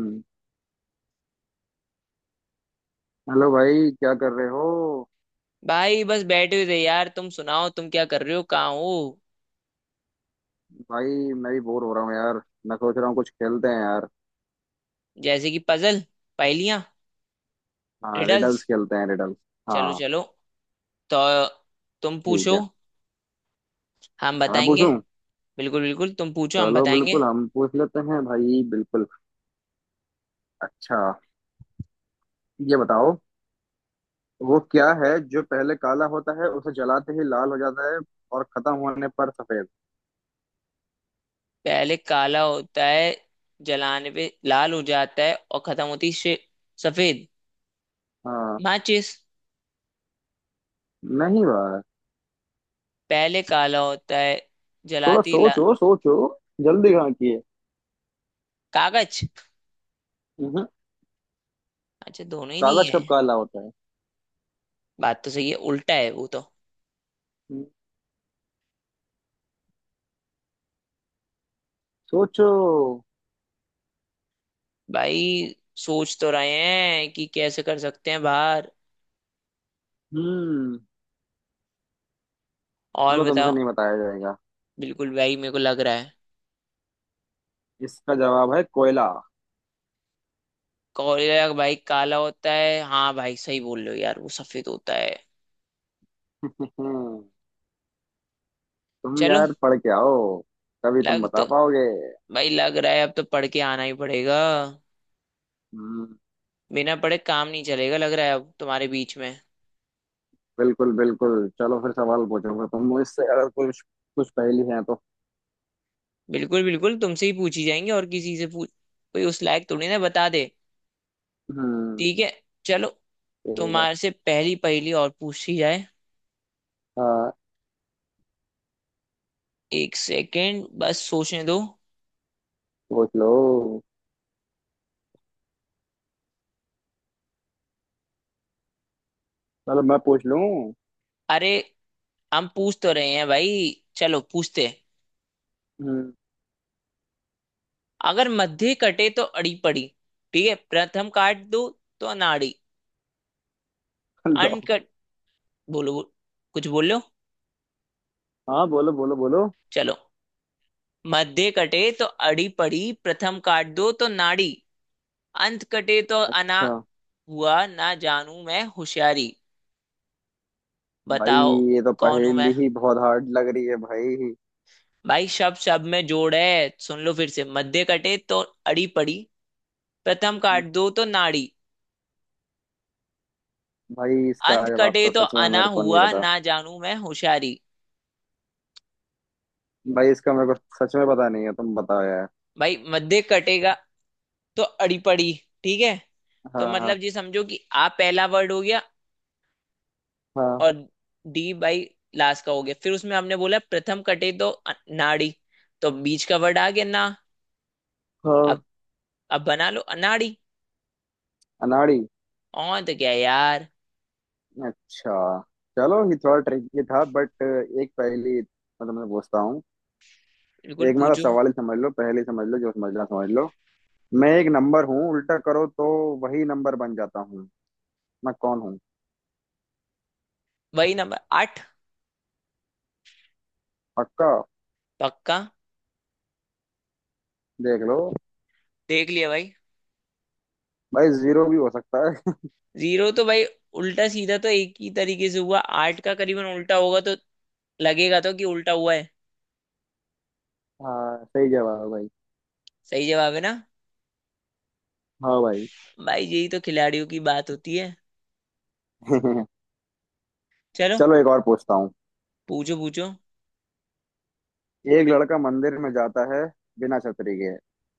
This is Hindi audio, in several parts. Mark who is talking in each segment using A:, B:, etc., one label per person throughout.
A: हम्म, हेलो भाई, क्या कर रहे हो?
B: भाई बस बैठे हुए थे यार। तुम सुनाओ, तुम क्या कर रहे हो, कहाँ हो?
A: भाई, मैं भी बोर हो रहा हूँ यार। मैं सोच रहा हूँ, कुछ खेलते हैं यार।
B: जैसे कि पजल, पहेलियां,
A: हाँ,
B: रिडल्स।
A: रिडल्स खेलते हैं, रिडल्स।
B: चलो
A: हाँ।
B: चलो, तो तुम
A: ठीक
B: पूछो,
A: है।
B: हम
A: मैं
B: बताएंगे।
A: पूछूं?
B: बिल्कुल बिल्कुल, तुम पूछो, हम
A: चलो,
B: बताएंगे।
A: बिल्कुल हम पूछ लेते हैं भाई, बिल्कुल। अच्छा, ये बताओ। वो क्या है जो पहले काला होता है, उसे जलाते ही लाल हो जाता है, और खत्म होने पर सफेद?
B: पहले काला होता है, जलाने पे लाल हो जाता है और खत्म होती सफेद।
A: हाँ।
B: माचिस।
A: नहीं भाई।
B: पहले काला होता है,
A: थोड़ा
B: जलाती ला।
A: सोचो, सोचो। जल्दी कहाँ किए?
B: कागज।
A: हम्म,
B: अच्छा, दोनों ही नहीं
A: कागज कब
B: है।
A: काला होता है?
B: बात तो सही है, उल्टा है वो तो।
A: हम्म। सोचो।
B: भाई सोच तो रहे हैं कि कैसे कर सकते हैं बाहर।
A: हम्म।
B: और
A: चलो, तुमसे
B: बताओ।
A: नहीं बताया जाएगा।
B: बिल्कुल भाई, मेरे को लग रहा है।
A: इसका जवाब है कोयला।
B: कोरिया का भाई? काला होता है। हाँ भाई, सही बोल रहे हो यार, वो सफेद होता है।
A: तुम,
B: चलो।
A: यार, पढ़ के आओ। तभी तुम
B: लग तो
A: बता पाओगे।
B: भाई लग रहा है, अब तो पढ़ के आना ही पड़ेगा।
A: हम्म,
B: बिना पढ़े काम नहीं चलेगा, लग रहा है अब तुम्हारे बीच में।
A: बिल्कुल बिल्कुल, चलो फिर सवाल पूछो, फिर तुम मुझसे अगर कुछ कुछ पहेली है तो।
B: बिल्कुल बिल्कुल, तुमसे ही पूछी जाएंगी, और किसी से पूछ? कोई उस लायक थोड़ी ना बता दे।
A: हम्म।
B: ठीक है, चलो,
A: ठीक है।
B: तुम्हारे से पहली पहली और पूछी जाए।
A: हाँ,
B: 1 सेकेंड, बस सोचने दो।
A: पूछ लो। चलो, मैं पूछ लूं।
B: अरे, हम पूछ तो रहे हैं भाई। चलो पूछते।
A: हम्म।
B: अगर मध्य कटे तो अड़ी पड़ी, ठीक है प्रथम काट दो तो अनाड़ी।
A: लो।
B: अनकट। बोलो बोलो- कुछ बोलो।
A: हाँ, बोलो बोलो बोलो।
B: चलो, मध्य कटे तो अड़ी पड़ी, प्रथम काट दो तो नाड़ी, अंत कटे तो अना,
A: अच्छा।
B: हुआ ना जानू मैं होशियारी।
A: भाई,
B: बताओ
A: ये तो
B: कौन हूं मैं।
A: पहेली ही बहुत हार्ड लग रही है भाई।
B: भाई शब्द शब्द में जोड़ है, सुन लो फिर से। मध्य कटे तो अड़ी पड़ी, प्रथम काट दो तो नाड़ी,
A: भाई, इसका
B: अंत
A: जवाब
B: कटे
A: तो
B: तो
A: सच में
B: अना,
A: मेरे को नहीं
B: हुआ
A: पता।
B: ना जानू मैं होशियारी।
A: भाई, इसका मेरे को सच में पता नहीं है। तुम बताओ यार।
B: भाई मध्य कटेगा तो अड़ीपड़ी, ठीक है? तो
A: हाँ हाँ।
B: मतलब ये समझो कि आ पहला वर्ड हो गया,
A: हाँ।
B: और डी बाई लास्ट का हो गया, फिर उसमें हमने बोला प्रथम कटे तो नाड़ी, तो बीच का वर्ड आ गया ना। अब
A: हाँ।
B: अब बना लो अनाड़ी।
A: अनाड़ी।
B: और तो क्या है यार।
A: अच्छा। चलो, ये थोड़ा ट्रिकी था, बट एक पहेली मतलब मैं तुमसे पूछता हूँ।
B: बिल्कुल,
A: एक मतलब
B: पूछो।
A: सवाल ही समझ लो, पहेली समझ लो, जो समझना समझ लो। मैं एक नंबर हूँ, उल्टा करो तो वही नंबर बन जाता हूँ। मैं कौन हूँ?
B: वही नंबर, 8।
A: पक्का?
B: पक्का।
A: देख लो।
B: देख लिया भाई।
A: भाई, जीरो भी हो सकता है।
B: 0 तो भाई उल्टा सीधा तो एक ही तरीके से हुआ। 8 का करीबन उल्टा होगा तो लगेगा तो कि उल्टा हुआ है।
A: हाँ, सही जवाब है भाई।
B: सही जवाब है ना?
A: हाँ भाई।
B: भाई यही तो खिलाड़ियों की बात होती है। चलो।
A: चलो, एक और पूछता हूँ।
B: पूछो पूछो।
A: एक लड़का मंदिर में जाता है बिना छतरी के,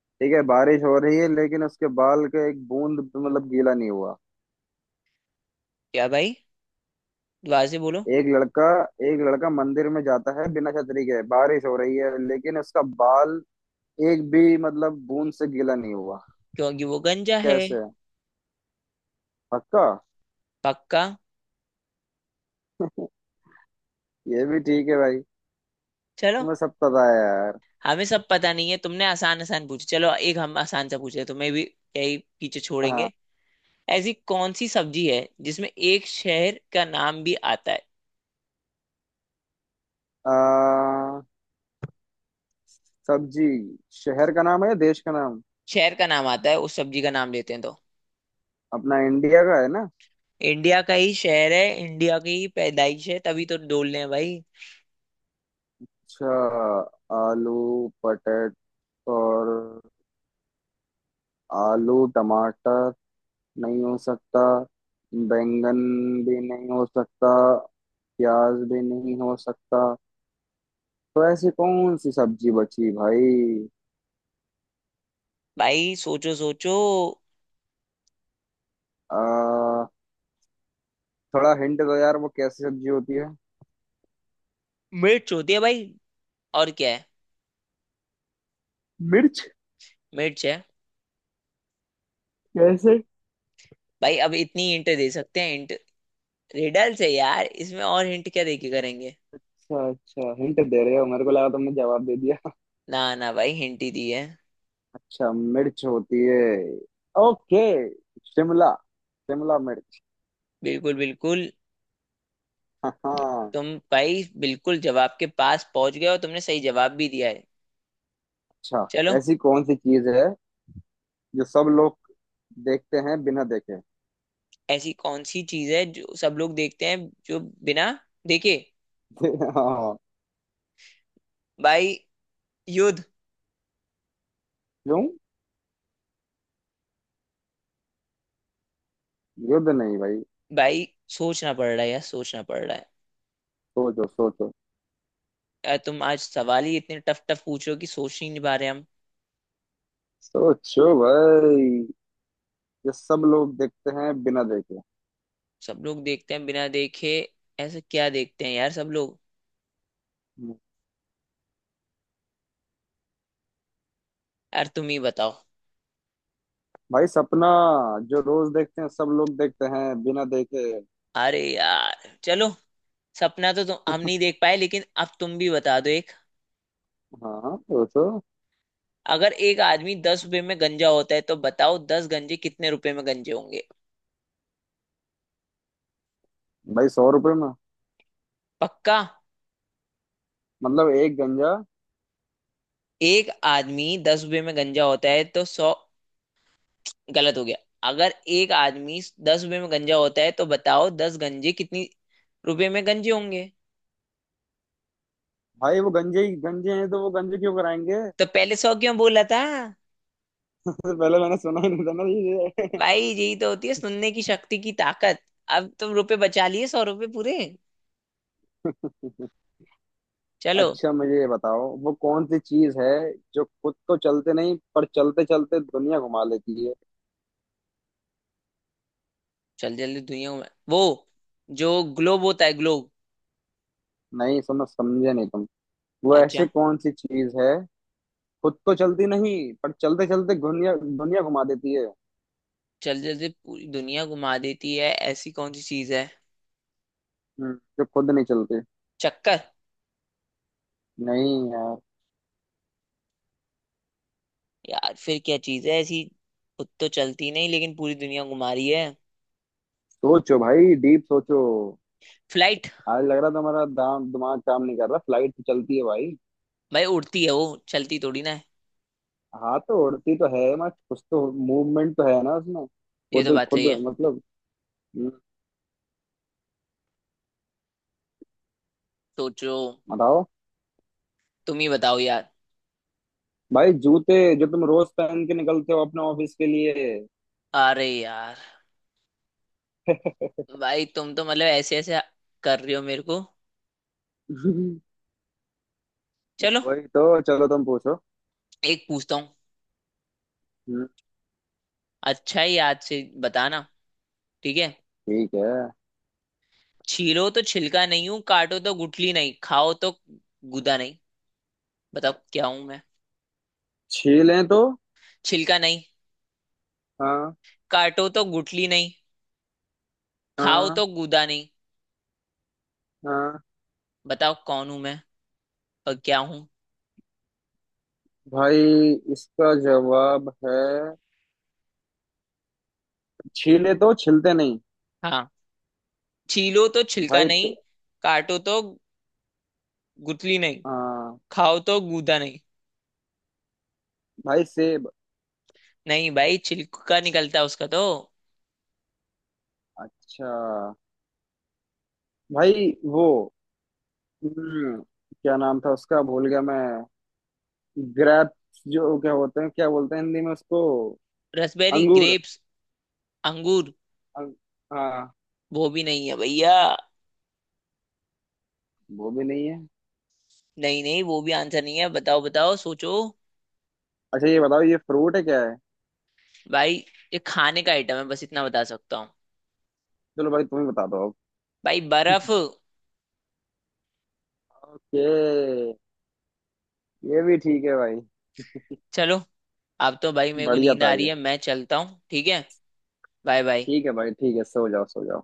A: ठीक है, बारिश हो रही है, लेकिन उसके बाल का एक बूंद भी, मतलब, गीला नहीं हुआ।
B: क्या भाई, वाजी बोलो।
A: एक लड़का एक लड़का मंदिर में जाता है बिना छतरी के, बारिश हो रही है, लेकिन उसका बाल एक भी मतलब बूंद से गीला नहीं हुआ।
B: क्योंकि वो गंजा है।
A: कैसे? पक्का?
B: पक्का।
A: ये भी ठीक है भाई।
B: चलो,
A: तुम्हें सब पता है।
B: हमें सब पता नहीं है, तुमने आसान आसान पूछे। चलो एक हम आसान सा पूछे, तुम्हें भी यही पीछे
A: हाँ।
B: छोड़ेंगे। ऐसी कौन सी सब्जी है जिसमें एक शहर का नाम भी आता है?
A: आ, सब्जी। शहर का नाम है या देश का नाम?
B: शहर का नाम आता है, उस सब्जी का नाम लेते हैं तो।
A: अपना इंडिया का है ना?
B: इंडिया का ही शहर है, इंडिया की ही पैदाइश है, तभी तो डोल रहे हैं भाई।
A: अच्छा। आलू, पटेट, और आलू टमाटर नहीं हो सकता। बैंगन भी नहीं हो सकता। प्याज भी नहीं हो सकता। तो ऐसी कौन सी सब्जी बची भाई?
B: भाई सोचो सोचो।
A: आ, थोड़ा हिंट दो यार, वो कैसी सब्जी होती है?
B: मिर्च होती है भाई, और क्या है?
A: मिर्च?
B: मिर्च है।
A: कैसे?
B: भाई अब इतनी हिंट दे सकते हैं, हिंट। रिडल्स है यार इसमें, और हिंट क्या देके करेंगे?
A: अच्छा अच्छा, हिंट दे रहे हो, मेरे को लगा तुमने जवाब दे दिया।
B: ना ना भाई, हिंट ही दी है।
A: अच्छा, मिर्च होती है। ओके। शिमला। शिमला मिर्च।
B: बिल्कुल बिल्कुल।
A: हाँ हाँ।
B: तुम? भाई बिल्कुल जवाब के पास पहुंच गए, और तुमने सही जवाब भी दिया है।
A: अच्छा।
B: चलो।
A: ऐसी कौन सी चीज है जो सब लोग देखते हैं बिना देखे?
B: ऐसी कौन सी चीज है जो सब लोग देखते हैं जो बिना देखे?
A: हाँ।
B: भाई, युद्ध।
A: क्यों? युद्ध नहीं भाई।
B: भाई सोचना पड़ रहा है यार, सोचना पड़ रहा है।
A: सोचो सोचो।
B: यार तुम आज सवाल ही इतने टफ टफ पूछ रहे हो कि सोच ही नहीं पा रहे हम।
A: सोचो भाई, जो सब लोग देखते हैं बिना देखे।
B: सब लोग देखते हैं बिना देखे, ऐसा क्या देखते हैं यार सब लोग। यार तुम ही बताओ।
A: भाई, सपना। जो रोज देखते हैं, सब लोग देखते हैं बिना देखे।
B: अरे यार चलो। सपना तो तुम, हम नहीं देख पाए, लेकिन अब तुम भी बता दो एक।
A: हाँ हाँ, वो तो।
B: अगर एक आदमी 10 रुपए में गंजा होता है तो बताओ 10 गंजे कितने रुपए में गंजे होंगे?
A: भाई, 100 रुपए में।
B: पक्का?
A: मतलब एक गंजा।
B: एक आदमी दस रुपए में गंजा होता है तो 100? गलत हो गया। अगर एक आदमी दस रुपए में गंजा होता है तो बताओ दस गंजे कितनी रुपए में गंजे होंगे?
A: भाई, वो गंजे ही गंजे हैं तो वो गंजे क्यों कराएंगे?
B: तो पहले 100 क्यों बोला था?
A: उससे पहले मैंने सुना ही नहीं था ना ये।
B: भाई यही तो होती है सुनने की शक्ति की ताकत। अब तुम रुपए बचा लिए, 100 रुपए पूरे। चलो।
A: अच्छा, मुझे ये बताओ, वो कौन सी चीज है जो खुद तो चलते नहीं, पर चलते चलते दुनिया घुमा लेती है?
B: चल जल्दी, दुनिया में वो जो ग्लोब होता है, ग्लोब।
A: नहीं समझ, समझे नहीं तुम। वो ऐसी
B: अच्छा।
A: कौन सी चीज है? खुद तो चलती नहीं, पर चलते चलते दुनिया दुनिया घुमा देती है।
B: चल जल्दी, पूरी दुनिया घुमा देती है, ऐसी कौन सी चीज है?
A: हम्म, जो खुद नहीं चलती।
B: चक्कर।
A: नहीं यार।
B: यार फिर क्या चीज है ऐसी, खुद तो चलती नहीं लेकिन पूरी दुनिया घुमा रही है।
A: सोचो भाई, डीप सोचो।
B: फ्लाइट।
A: आज लग रहा था हमारा दाम दिमाग काम नहीं कर रहा। फ्लाइट तो चलती है भाई।
B: भाई उड़ती है वो, चलती थोड़ी ना है।
A: हाँ, तो उड़ती तो है, मत कुछ तो मूवमेंट तो है ना उसमें।
B: ये तो
A: खुद
B: बात सही
A: खुद
B: है।
A: मतलब। हम्म,
B: सोचो।
A: बताओ।
B: तुम ही बताओ यार।
A: भाई, जूते, जो तुम रोज पहन के निकलते हो अपने ऑफिस के लिए।
B: अरे यार भाई, तुम तो मतलब ऐसे ऐसे कर रहे हो मेरे को। चलो,
A: वही तो। चलो, तुम पूछो।
B: एक पूछता हूँ।
A: हम्म,
B: अच्छा ही याद से बताना, ठीक है?
A: ठीक है।
B: छीलो तो छिलका नहीं हूं, काटो तो गुठली नहीं, खाओ तो गुदा नहीं, बताओ क्या हूं मैं।
A: छीलें तो?
B: छिलका नहीं,
A: हाँ।
B: काटो तो गुठली नहीं, खाओ
A: हाँ।
B: तो गूदा नहीं।
A: हाँ।
B: बताओ कौन हूं मैं और क्या हूं।
A: भाई, इसका जवाब है, छीले तो छिलते नहीं।
B: हाँ, छीलो तो छिलका
A: भाई तो।
B: नहीं, काटो तो गुठली नहीं,
A: हाँ।
B: खाओ तो गूदा नहीं।
A: भाई से।
B: नहीं भाई, छिलका निकलता है उसका तो।
A: अच्छा। भाई वो। हम्म, क्या नाम था उसका, भूल गया मैं। ग्रेप्स जो क्या होते हैं, क्या बोलते हैं हिंदी में उसको?
B: रसबेरी,
A: अंगूर।
B: ग्रेप्स, अंगूर।
A: अंग, हाँ।
B: वो भी नहीं है भैया।
A: वो भी नहीं है?
B: नहीं नहीं, वो भी आंसर नहीं है, बताओ बताओ सोचो।
A: अच्छा, ये बताओ, ये फ्रूट है क्या है?
B: भाई ये खाने का आइटम है, बस इतना बता सकता हूँ।
A: चलो भाई, तुम ही बता दो अब।
B: भाई, बर्फ।
A: ओके। ये भी ठीक है भाई।
B: चलो, अब तो भाई मेरे को
A: बढ़िया
B: नींद
A: था
B: आ रही
A: ये।
B: है, मैं चलता हूँ, ठीक है? Bye bye.
A: ठीक है भाई, ठीक है, सो जाओ सो जाओ।